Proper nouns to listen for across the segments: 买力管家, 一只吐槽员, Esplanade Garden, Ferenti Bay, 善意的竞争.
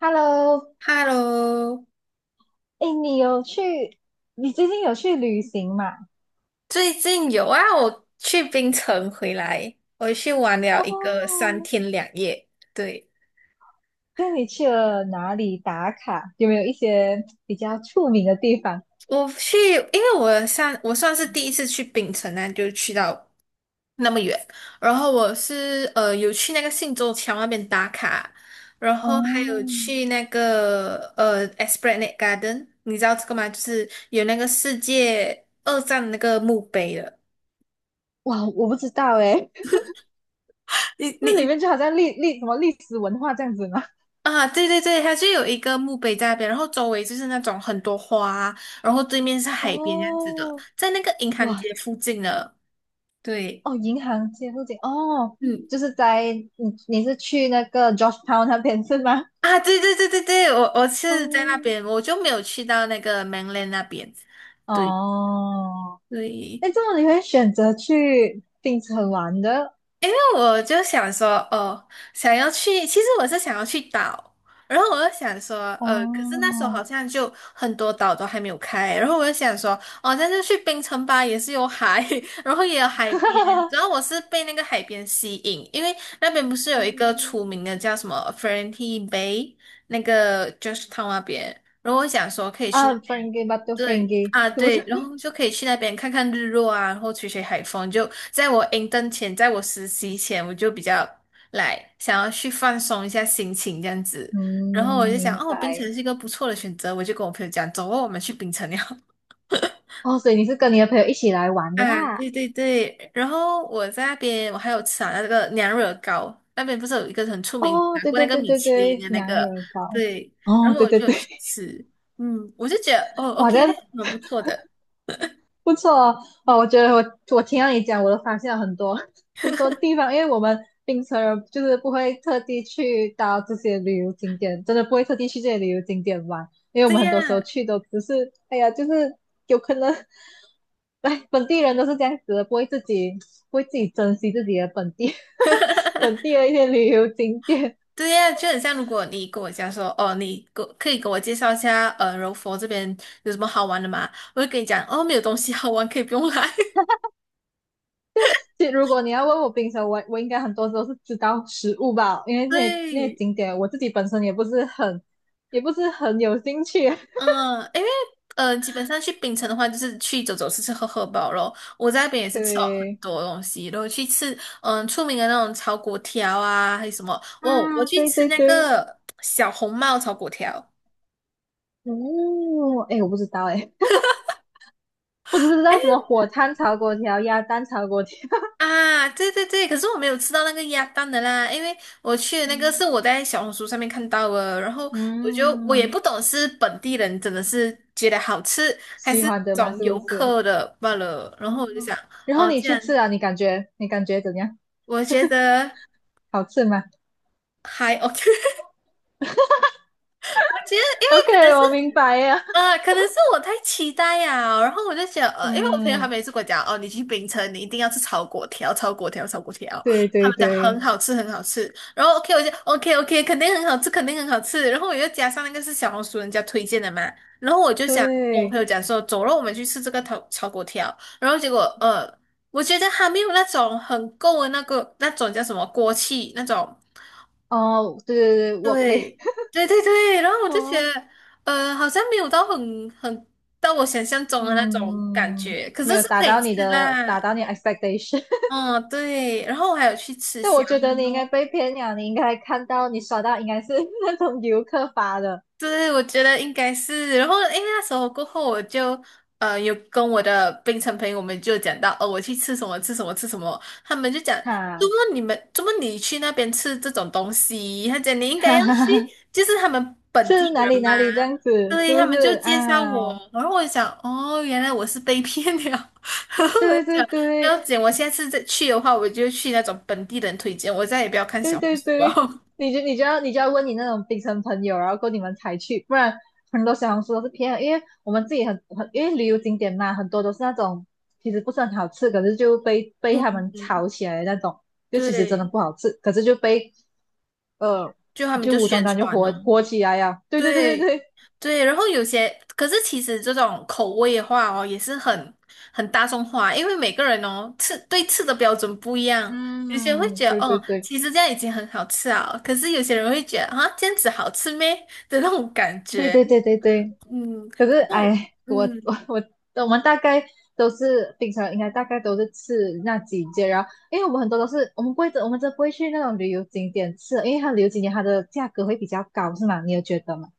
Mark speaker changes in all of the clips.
Speaker 1: Hello，
Speaker 2: Hello，
Speaker 1: 哎，你有去？你最近有去旅行吗？
Speaker 2: 最近有啊，我去槟城回来，我去玩了一个
Speaker 1: 哦，
Speaker 2: 3天2夜。对，
Speaker 1: 那你去了哪里打卡？有没有一些比较出名的地方？
Speaker 2: 我去，因为我算是第一次去槟城啊，就去到那么远。然后我是有去那个信州桥那边打卡，然后还有
Speaker 1: 哦，
Speaker 2: 去那个Esplanade Garden，你知道这个吗？就是有那个世界二战的那个墓碑的。
Speaker 1: 哇，我不知道哎，
Speaker 2: 你
Speaker 1: 那里
Speaker 2: 你
Speaker 1: 面就好像历历什么历史文化这样子吗？
Speaker 2: 啊，对对对，它就有一个墓碑在那边，然后周围就是那种很多花，然后对面是海边这样子的，
Speaker 1: 哦，
Speaker 2: 在那个银行
Speaker 1: 哇，
Speaker 2: 街附近的。对，
Speaker 1: 哦，银行街附近，哦，
Speaker 2: 嗯，
Speaker 1: 就是你是去那个 j o s h e t o w n 那边是吗？
Speaker 2: 啊，对对对对对，我是在那边，
Speaker 1: 哦，
Speaker 2: 我就没有去到那个 mainland 那边。对
Speaker 1: 哦，
Speaker 2: 对，
Speaker 1: 那这么你会选择去槟城玩的？
Speaker 2: 因为我就想说，哦，想要去，其实我是想要去岛，然后我就想说，可是那时候好
Speaker 1: 哦，
Speaker 2: 像就很多岛都还没有开，然后我就想说，哦，但是去冰城吧，也是有海，然后也有海边，然后 我是被那个海边吸引，因为那边不是有一个出
Speaker 1: 嗯
Speaker 2: 名的叫什么 f e r e n t i Bay，那个就是 o r 那边，然后我想说可以
Speaker 1: 啊
Speaker 2: 去那边。
Speaker 1: ，friendgay but to
Speaker 2: 对
Speaker 1: friendgay
Speaker 2: 啊，
Speaker 1: 是不是？
Speaker 2: 对，然 后就可以去那边看看日落啊，然后吹吹海风。就在我实习前，我就比较来想要去放松一下心情这样子。然后我
Speaker 1: 嗯，
Speaker 2: 就想，
Speaker 1: 明
Speaker 2: 哦，冰城
Speaker 1: 白。
Speaker 2: 是一个不错的选择，我就跟我朋友讲，走哦，我们去冰城了。
Speaker 1: 哦，所以你是跟你的朋友一起来玩的
Speaker 2: 啊，
Speaker 1: 啦。
Speaker 2: 对对对，然后我在那边，我还有吃啊那个娘惹糕，那边不是有一个很出名，
Speaker 1: 哦，
Speaker 2: 拿
Speaker 1: 对
Speaker 2: 过那
Speaker 1: 对
Speaker 2: 个
Speaker 1: 对
Speaker 2: 米
Speaker 1: 对
Speaker 2: 其林
Speaker 1: 对，
Speaker 2: 的那
Speaker 1: 娘
Speaker 2: 个，
Speaker 1: 惹糕。
Speaker 2: 对，然
Speaker 1: 哦，
Speaker 2: 后
Speaker 1: 对
Speaker 2: 我
Speaker 1: 对
Speaker 2: 就有
Speaker 1: 对，
Speaker 2: 去 吃，嗯，我就觉得哦
Speaker 1: 哇，
Speaker 2: ，OK，
Speaker 1: 这样
Speaker 2: 蛮不错的，
Speaker 1: 不错哦。哦，我觉得我听到你讲，我都发现了很多 很多地方，因为我们槟城人就是不会特地去到这些旅游景点，真的不会特地去这些旅游景点玩，因为我们
Speaker 2: 对
Speaker 1: 很
Speaker 2: 呀。
Speaker 1: 多时候去都只是，哎呀，就是有可能来本地人都是这样子的，不会自己珍惜自己的本地 本地的一些旅游景点。
Speaker 2: 对呀，就很像如果你跟我讲说，哦，你给可以给我介绍一下，柔佛这边有什么好玩的吗？我会跟你讲，哦，没有东西好玩，可以不用来。
Speaker 1: 其实如果你要问我冰城，我应该很多时候是知道食物吧，因为 那些
Speaker 2: 对，
Speaker 1: 景点我自己本身也不是很有兴趣。
Speaker 2: 嗯，因为基本上去槟城的话，就是去走走、吃吃喝喝饱咯。我在那边也是吃了很
Speaker 1: 对
Speaker 2: 多东西，然后去吃出名的那种炒粿条啊，还有什么哦，我
Speaker 1: 啊，
Speaker 2: 去
Speaker 1: 对
Speaker 2: 吃
Speaker 1: 对
Speaker 2: 那
Speaker 1: 对，
Speaker 2: 个小红帽炒粿条。
Speaker 1: 哦，哎，我不知道哎，我只知道什么火炭炒粿条、鸭蛋炒粿条。
Speaker 2: 啊，对对对，可是我没有吃到那个鸭蛋的啦，因为我去的那个是
Speaker 1: 嗯
Speaker 2: 我在小红书上面看到的，然后我也
Speaker 1: 嗯
Speaker 2: 不懂是本地人真的是觉得好吃，还
Speaker 1: 喜
Speaker 2: 是
Speaker 1: 欢的
Speaker 2: 那
Speaker 1: 嘛，
Speaker 2: 种
Speaker 1: 是
Speaker 2: 游
Speaker 1: 不是？
Speaker 2: 客的罢了，然
Speaker 1: 哦，
Speaker 2: 后我就想，
Speaker 1: 然后
Speaker 2: 哦，
Speaker 1: 你
Speaker 2: 这
Speaker 1: 去
Speaker 2: 样
Speaker 1: 吃啊，你感觉怎样？
Speaker 2: 我觉得
Speaker 1: 好吃吗
Speaker 2: 还 OK，我觉得因
Speaker 1: ？OK，
Speaker 2: 为可能是。
Speaker 1: 我明白呀。
Speaker 2: 啊，可能是我太期待呀、然后我就想，因为我朋友他
Speaker 1: 嗯，
Speaker 2: 每次跟我讲，哦，你去冰城，你一定要吃炒粿条，炒粿条，炒粿条，
Speaker 1: 对
Speaker 2: 他
Speaker 1: 对
Speaker 2: 们讲
Speaker 1: 对
Speaker 2: 很好吃，很好吃。然后 OK，我就 OK OK，肯定很好吃，肯定很好吃。然后我又加上那个是小红书人家推荐的嘛，然后我就想跟我朋
Speaker 1: 对，
Speaker 2: 友讲说，走了，我们去吃这个炒粿条。然后结果，我觉得还没有那种很够的那个那种叫什么锅气那种。
Speaker 1: 哦，对对对，我可以。
Speaker 2: 对，对对对，然后我就觉
Speaker 1: 哦，
Speaker 2: 得，好像没有到很到我想象 中的那种感
Speaker 1: 嗯，
Speaker 2: 觉，可
Speaker 1: 没
Speaker 2: 是
Speaker 1: 有
Speaker 2: 是
Speaker 1: 达
Speaker 2: 可以
Speaker 1: 到你
Speaker 2: 吃
Speaker 1: 的，达
Speaker 2: 啦。
Speaker 1: 到你 expectation。
Speaker 2: 哦，对，然后我还有去吃
Speaker 1: 但
Speaker 2: 虾
Speaker 1: 我觉
Speaker 2: 面
Speaker 1: 得你应该
Speaker 2: 哦，
Speaker 1: 被骗了，你应该看到你刷到应该是 那种游客发的，
Speaker 2: 对，我觉得应该是。然后，诶，那时候过后，我就有跟我的槟城朋友，我们就讲到，哦，我去吃什么吃什么吃什么，他们就讲，怎
Speaker 1: 哈
Speaker 2: 么你们怎么你去那边吃这种东西？他讲你应该
Speaker 1: 哈
Speaker 2: 要
Speaker 1: 哈
Speaker 2: 去，
Speaker 1: 哈，
Speaker 2: 就是他们本
Speaker 1: 是
Speaker 2: 地
Speaker 1: 哪里
Speaker 2: 人嘛。
Speaker 1: 哪里这样子，
Speaker 2: 对，
Speaker 1: 是
Speaker 2: 他
Speaker 1: 不
Speaker 2: 们就
Speaker 1: 是
Speaker 2: 介绍我，
Speaker 1: 啊？
Speaker 2: 然后我就想，哦，原来我是被骗了。然后我
Speaker 1: 对
Speaker 2: 就
Speaker 1: 对
Speaker 2: 想，不
Speaker 1: 对，
Speaker 2: 要紧，我下次再去的话，我就去那种本地人推荐，我再也不要看
Speaker 1: 对
Speaker 2: 小红
Speaker 1: 对
Speaker 2: 书
Speaker 1: 对，
Speaker 2: 了。
Speaker 1: 你就要问你那种槟城朋友，然后够你们才去，不然很多小红书都是骗的因为我们自己很因为旅游景点嘛，很多都是那种其实不是很好吃，可是就被 他
Speaker 2: 嗯
Speaker 1: 们
Speaker 2: 嗯，
Speaker 1: 炒起来的那种，就其实真的
Speaker 2: 对。
Speaker 1: 不好吃，可是呃
Speaker 2: 就他们
Speaker 1: 就
Speaker 2: 就
Speaker 1: 无端
Speaker 2: 宣
Speaker 1: 端就
Speaker 2: 传
Speaker 1: 火
Speaker 2: 哦，
Speaker 1: 火起来呀，对对对对
Speaker 2: 对
Speaker 1: 对，
Speaker 2: 对，然后有些，可是其实这种口味的话哦，也是很大众化，因为每个人哦吃对吃的标准不一样，有些人会
Speaker 1: 嗯，
Speaker 2: 觉得
Speaker 1: 对
Speaker 2: 哦，
Speaker 1: 对
Speaker 2: 其实这样已经很好吃啊，可是有些人会觉得啊，这样子好吃咩的那种感
Speaker 1: 对
Speaker 2: 觉，
Speaker 1: 对对对对对对。
Speaker 2: 嗯，
Speaker 1: 可是
Speaker 2: 那我
Speaker 1: 哎，我
Speaker 2: 嗯，
Speaker 1: 我 我们大概都是平常应该大概都是吃那几件，然后因为我们很多都是我们不会，我们真的不会去那种旅游景点吃，因为它旅游景点它的价格会比较高，是吗？你有觉得吗？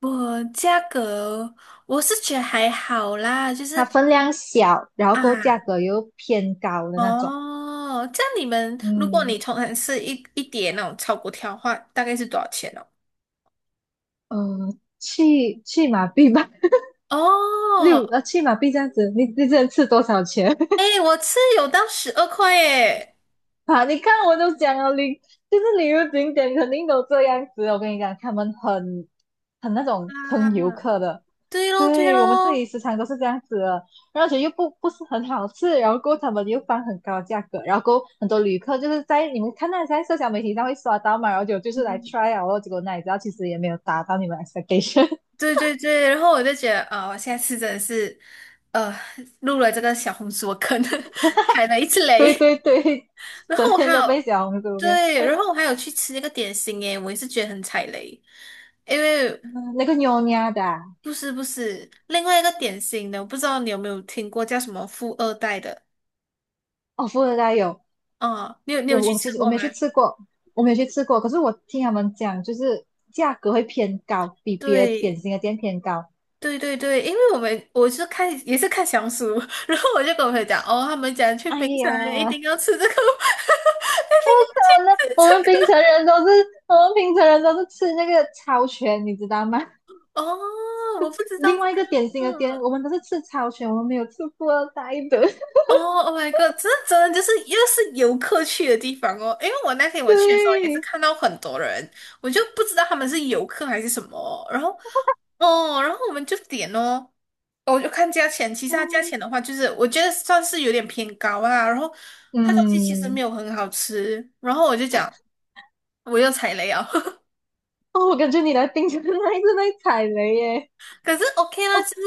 Speaker 2: 我价格我是觉得还好啦，就
Speaker 1: 它
Speaker 2: 是。
Speaker 1: 分量小，然后够
Speaker 2: 啊。
Speaker 1: 价格又偏高的那种，
Speaker 2: 哦，这样你们，如果
Speaker 1: 嗯
Speaker 2: 你同城吃一碟那种炒粿条的话，大概是多少钱哦？
Speaker 1: 去马币吧，
Speaker 2: 哦，
Speaker 1: 去马币这样子，你只能吃多少钱？
Speaker 2: 哎，我吃有到12块耶！
Speaker 1: 啊，你看我都讲了，就是旅游景点肯定都这样子。我跟你讲，他们很那
Speaker 2: 啊，
Speaker 1: 种坑游客的，
Speaker 2: 对喽，对
Speaker 1: 对我们自己
Speaker 2: 喽，
Speaker 1: 时常都是这样子的，而且又不是很好吃，然后过后他们又放很高的价格，然后过后很多旅客就是在你们看到在社交媒体上会刷到嘛，然后就是来
Speaker 2: 嗯，
Speaker 1: try 啊，然后结果哪里知道其实也 没有达到你们 expectation。
Speaker 2: 对对对，然后我就觉得，啊、我下次真的是，呃，入了这个小红书的坑，踩了一次
Speaker 1: 对
Speaker 2: 雷。
Speaker 1: 对对，
Speaker 2: 然
Speaker 1: 整
Speaker 2: 后我还
Speaker 1: 天都被
Speaker 2: 有，
Speaker 1: 小红书给
Speaker 2: 对，然后我还有去吃那个点心耶，我也是觉得很踩雷，因为
Speaker 1: 嗯那个妞 n h 的啊
Speaker 2: 不是不是，另外一个典型的，我不知道你有没有听过叫什么富二代的
Speaker 1: 哦，富二代有
Speaker 2: 啊？你有
Speaker 1: 我
Speaker 2: 去
Speaker 1: 我其
Speaker 2: 吃
Speaker 1: 实我
Speaker 2: 过
Speaker 1: 没
Speaker 2: 吗？
Speaker 1: 去吃过，我没有去吃过，可是我听他们讲，就是价格会偏高，比别的
Speaker 2: 对
Speaker 1: 点心的店偏高。
Speaker 2: 对对对，因为我们我是看也是看小红书，然后我就跟我朋友讲，哦，他们讲去
Speaker 1: 哎
Speaker 2: 冰城一定
Speaker 1: 呀，
Speaker 2: 要吃这个，一定要去
Speaker 1: 那
Speaker 2: 吃
Speaker 1: 我们
Speaker 2: 这
Speaker 1: 槟
Speaker 2: 个。
Speaker 1: 城人都是，我们槟城人都是吃那个超全，你知道吗？
Speaker 2: 哦，我不知道
Speaker 1: 另
Speaker 2: 这
Speaker 1: 外
Speaker 2: 个，
Speaker 1: 一个点心的店，我们都是吃超全，我们没有吃过二代的。
Speaker 2: 哦，Oh my god！这真的就是又是游客去的地方哦。因为我那天我去的时候也是
Speaker 1: 对，
Speaker 2: 看到很多人，我就不知道他们是游客还是什么哦。然后，哦，然后我们就点哦，我就看价钱。其实它价
Speaker 1: 嗯，
Speaker 2: 钱的话，就是我觉得算是有点偏高啦。然后它东西其实没
Speaker 1: 嗯
Speaker 2: 有很好吃。然后我就讲我又踩雷啊，
Speaker 1: 哦，我感觉你来槟城那一次被踩雷耶，
Speaker 2: 可是 OK 啦，其实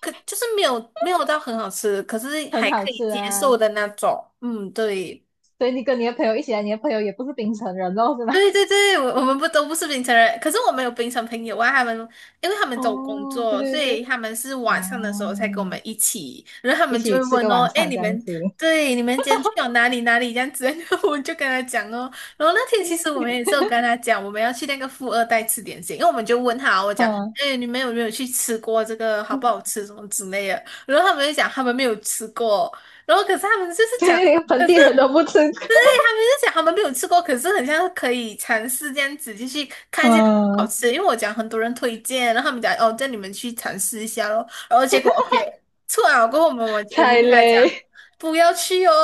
Speaker 2: 可就是没有没有到很好吃，可是
Speaker 1: 很
Speaker 2: 还
Speaker 1: 好
Speaker 2: 可以
Speaker 1: 吃
Speaker 2: 接受
Speaker 1: 啊。
Speaker 2: 的那种。嗯，对。
Speaker 1: 所以你跟你的朋友一起来，你的朋友也不是槟城人哦，是吧？
Speaker 2: 对对对，我们不都不是槟城人，可是我们有槟城朋友啊，他们因为他们都有工
Speaker 1: 哦，对
Speaker 2: 作，所
Speaker 1: 对
Speaker 2: 以
Speaker 1: 对。
Speaker 2: 他们是
Speaker 1: 啊，
Speaker 2: 晚上的时候才跟我们一起，然后他
Speaker 1: 一
Speaker 2: 们就
Speaker 1: 起
Speaker 2: 会
Speaker 1: 吃个
Speaker 2: 问哦，
Speaker 1: 晚
Speaker 2: 哎，
Speaker 1: 餐
Speaker 2: 你
Speaker 1: 这样
Speaker 2: 们
Speaker 1: 子。
Speaker 2: 对你们今天去了哪里哪里这样子，然后我就跟他讲哦，然后那天其实我们也是有跟他讲，我们要去那个富二代吃点心，因为我们就问他，我讲，
Speaker 1: 嗯，
Speaker 2: 哎，你们有没有去吃过这个好不好 吃什么之类的，然后他们就讲他们没有吃过，然后可是他们就是讲。
Speaker 1: 对，连本
Speaker 2: 可是。
Speaker 1: 地人都不吃
Speaker 2: 对他们就讲他们没有吃过，可是很像可以尝试这样子，就去 看一下好
Speaker 1: 嗯，
Speaker 2: 吃。因为我讲很多人推荐，然后他们讲哦，叫你们去尝试一下咯。然后结果 OK 错了，过后我们
Speaker 1: 踩
Speaker 2: 就跟他讲
Speaker 1: 雷，
Speaker 2: 不要去哦。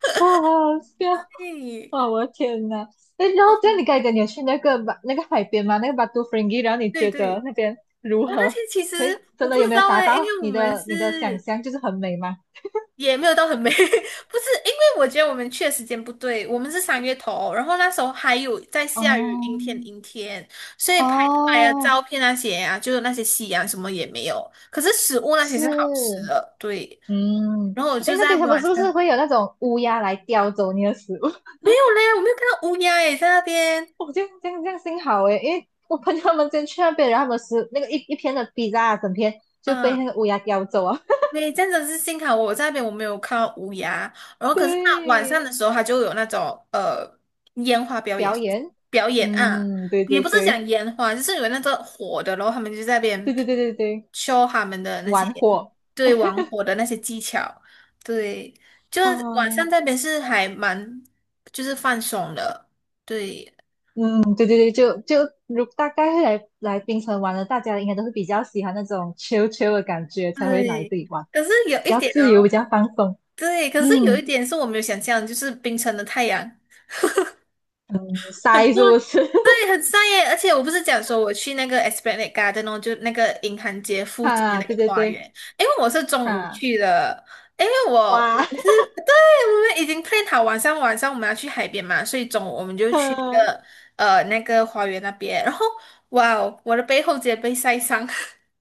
Speaker 1: 啊，好好笑，
Speaker 2: 嘿
Speaker 1: 啊！我的天呐！哎，然后
Speaker 2: 哦，
Speaker 1: 这样你刚才讲你有去那个巴那个海边吗？那个巴都弗 n g 然后你
Speaker 2: 对
Speaker 1: 觉
Speaker 2: 对，
Speaker 1: 得那边如
Speaker 2: 哦，那
Speaker 1: 何？
Speaker 2: 天其实
Speaker 1: 会
Speaker 2: 我
Speaker 1: 真
Speaker 2: 不
Speaker 1: 的有
Speaker 2: 知
Speaker 1: 没有
Speaker 2: 道
Speaker 1: 达
Speaker 2: 哎，因
Speaker 1: 到
Speaker 2: 为我
Speaker 1: 你
Speaker 2: 们
Speaker 1: 的想
Speaker 2: 是
Speaker 1: 象？就是很美吗？
Speaker 2: 也没有到很美，不是，因为我觉得我们去的时间不对，我们是3月头，然后那时候还有在
Speaker 1: 哦
Speaker 2: 下雨，阴天阴天，所以拍出来的
Speaker 1: 哦，
Speaker 2: 照片那些啊，就是那些夕阳什么也没有，可是食物那些
Speaker 1: 是，
Speaker 2: 是好吃的，对。
Speaker 1: 嗯，
Speaker 2: 然后我
Speaker 1: 哎，
Speaker 2: 就
Speaker 1: 那
Speaker 2: 在
Speaker 1: 边他们
Speaker 2: 晚
Speaker 1: 是
Speaker 2: 上
Speaker 1: 不是会有那种乌鸦来叼走你的食物？
Speaker 2: 没有嘞，我没有看到乌鸦诶，在那边，
Speaker 1: 哦，这样这样这样幸好诶，因为我朋友他们先去那边，然后他们是那个一片的 p i z 整片就被
Speaker 2: 嗯，
Speaker 1: 那个乌鸦叼走啊。
Speaker 2: 对，真的是幸好我在那边我没有看到乌鸦，然后可是它晚上
Speaker 1: 对，
Speaker 2: 的时候他就有那种呃烟花表演
Speaker 1: 表演，
Speaker 2: 啊，
Speaker 1: 嗯，对
Speaker 2: 也
Speaker 1: 对
Speaker 2: 不是
Speaker 1: 对
Speaker 2: 讲烟花，就是有那个火的，然后他们就在那
Speaker 1: 对
Speaker 2: 边
Speaker 1: 对对对对，
Speaker 2: show 他们的那些
Speaker 1: 玩火，
Speaker 2: 对玩火的那些技巧，对，就是晚上
Speaker 1: 嗯
Speaker 2: 那边是还蛮就是放松的，对
Speaker 1: 嗯，对对对，就如大概会来槟城玩的，大家应该都是比较喜欢那种 chill chill 的感觉，才会来
Speaker 2: 对，
Speaker 1: 这里玩，
Speaker 2: 可是有
Speaker 1: 比
Speaker 2: 一
Speaker 1: 较
Speaker 2: 点
Speaker 1: 自由，
Speaker 2: 哦，
Speaker 1: 比较放松。
Speaker 2: 对，可是有一
Speaker 1: 嗯
Speaker 2: 点是我没有想象，就是冰城的太阳。
Speaker 1: 嗯，
Speaker 2: 很
Speaker 1: 塞
Speaker 2: 不
Speaker 1: 是不是？
Speaker 2: 对，很晒耶！而且我不是讲说我去那个 Esplanade Garden 哦，就那个银行街 附近的
Speaker 1: 哈、
Speaker 2: 那
Speaker 1: 对
Speaker 2: 个
Speaker 1: 对
Speaker 2: 花园，
Speaker 1: 对，
Speaker 2: 因为我是中午
Speaker 1: 哈、
Speaker 2: 去的，因为我
Speaker 1: 哇，
Speaker 2: 我是对，我们已经 plan 好晚上我们要去海边嘛，所以中午我们就去那个 那个花园那边，然后哇哦，我的背后直接被晒伤。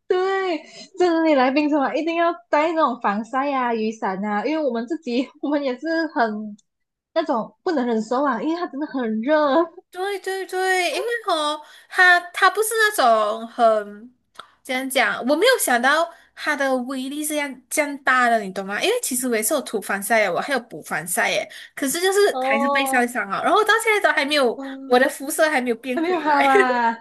Speaker 1: 对，这里来槟城啊一定要带那种防晒啊、雨伞啊，因为我们自己 我们也是很那种不能忍受啊，因为它真的很热
Speaker 2: 对对对，因为哦，它它不是那种很怎样讲，我没有想到它的威力是这样这样大的，你懂吗？因为其实我也是有涂防晒耶，我还有补防晒耶，可是就是还是被晒
Speaker 1: 哦。
Speaker 2: 伤了，然后到现在都还没有，我
Speaker 1: 嗯，
Speaker 2: 的肤色还没有
Speaker 1: 还
Speaker 2: 变
Speaker 1: 没有
Speaker 2: 回来。
Speaker 1: 好 啊！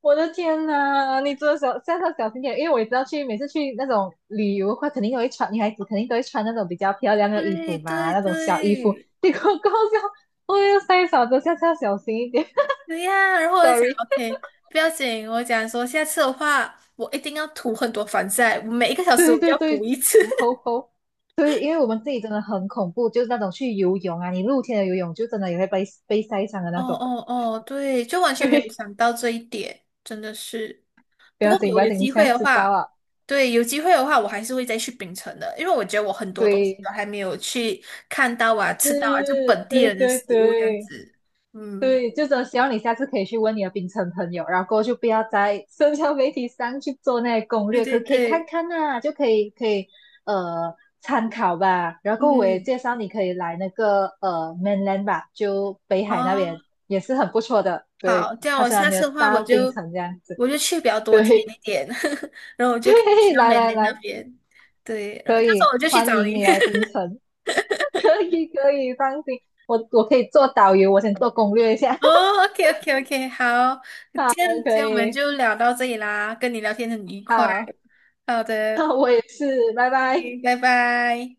Speaker 1: 我的天呐，你真的下次要小心点，因为我也知道每次去那种旅游的话，肯定都会穿女孩子肯定都会穿那种比较漂亮的衣
Speaker 2: 对
Speaker 1: 服嘛，
Speaker 2: 对
Speaker 1: 那种小衣服。
Speaker 2: 对，
Speaker 1: 结果搞笑，我又塞少着，下次要小心一点。
Speaker 2: 对呀、然后我就讲 OK，不要紧，我讲说下次的话，我一定要涂很多防晒，我每一个 小时
Speaker 1: 对
Speaker 2: 我就
Speaker 1: 对
Speaker 2: 要补
Speaker 1: 对，
Speaker 2: 一次。
Speaker 1: 煮猴猴。对，因为我们自己真的很恐怖，就是那种去游泳啊，你露天的游泳就真的也会被晒伤的那
Speaker 2: 哦
Speaker 1: 种。
Speaker 2: 哦哦，对，就完 全没有
Speaker 1: 对，
Speaker 2: 想到这一点，真的是。
Speaker 1: 不
Speaker 2: 不
Speaker 1: 要
Speaker 2: 过
Speaker 1: 紧不
Speaker 2: 我
Speaker 1: 要
Speaker 2: 有
Speaker 1: 紧，你
Speaker 2: 机
Speaker 1: 现
Speaker 2: 会
Speaker 1: 在
Speaker 2: 的
Speaker 1: 知道
Speaker 2: 话，
Speaker 1: 啊。
Speaker 2: 对，有机会的话，我还是会再去槟城的，因为我觉得我很多东西
Speaker 1: 对，
Speaker 2: 都还没有去看到啊、吃到啊，就
Speaker 1: 是，
Speaker 2: 本地
Speaker 1: 对
Speaker 2: 人的
Speaker 1: 对
Speaker 2: 食物这样
Speaker 1: 对。
Speaker 2: 子。嗯，
Speaker 1: 对，就是希望你下次可以去问你的冰城朋友，然后过后就不要在社交媒体上去做那些攻
Speaker 2: 对
Speaker 1: 略，
Speaker 2: 对
Speaker 1: 可以看
Speaker 2: 对，
Speaker 1: 看啊，就可以呃参考吧。然后我也
Speaker 2: 嗯，
Speaker 1: 介绍你可以来那个mainland 吧，就北
Speaker 2: 哦，
Speaker 1: 海那边也是很不错的。对，
Speaker 2: 好，这样
Speaker 1: 他
Speaker 2: 我
Speaker 1: 虽然
Speaker 2: 下
Speaker 1: 没
Speaker 2: 次
Speaker 1: 有
Speaker 2: 的话，我
Speaker 1: 到冰
Speaker 2: 就
Speaker 1: 城这样子，
Speaker 2: 去比较多天
Speaker 1: 对
Speaker 2: 一点，然后我 就可以去
Speaker 1: 对，
Speaker 2: 到
Speaker 1: 来
Speaker 2: 美
Speaker 1: 来
Speaker 2: 联那
Speaker 1: 来，
Speaker 2: 边。对，然后
Speaker 1: 可
Speaker 2: 到时候
Speaker 1: 以
Speaker 2: 我就去
Speaker 1: 欢
Speaker 2: 找
Speaker 1: 迎
Speaker 2: 你。
Speaker 1: 你来冰城，可以可以，放心，我可以做导游，我先做攻略一下，
Speaker 2: 哦，OK，OK，OK，好，今
Speaker 1: 好，
Speaker 2: 天
Speaker 1: 可
Speaker 2: 今天我们
Speaker 1: 以
Speaker 2: 就聊到这里啦，跟你聊天很愉快。
Speaker 1: 好。
Speaker 2: 好 的，
Speaker 1: 我也是，拜
Speaker 2: 嗯
Speaker 1: 拜。
Speaker 2: 拜拜。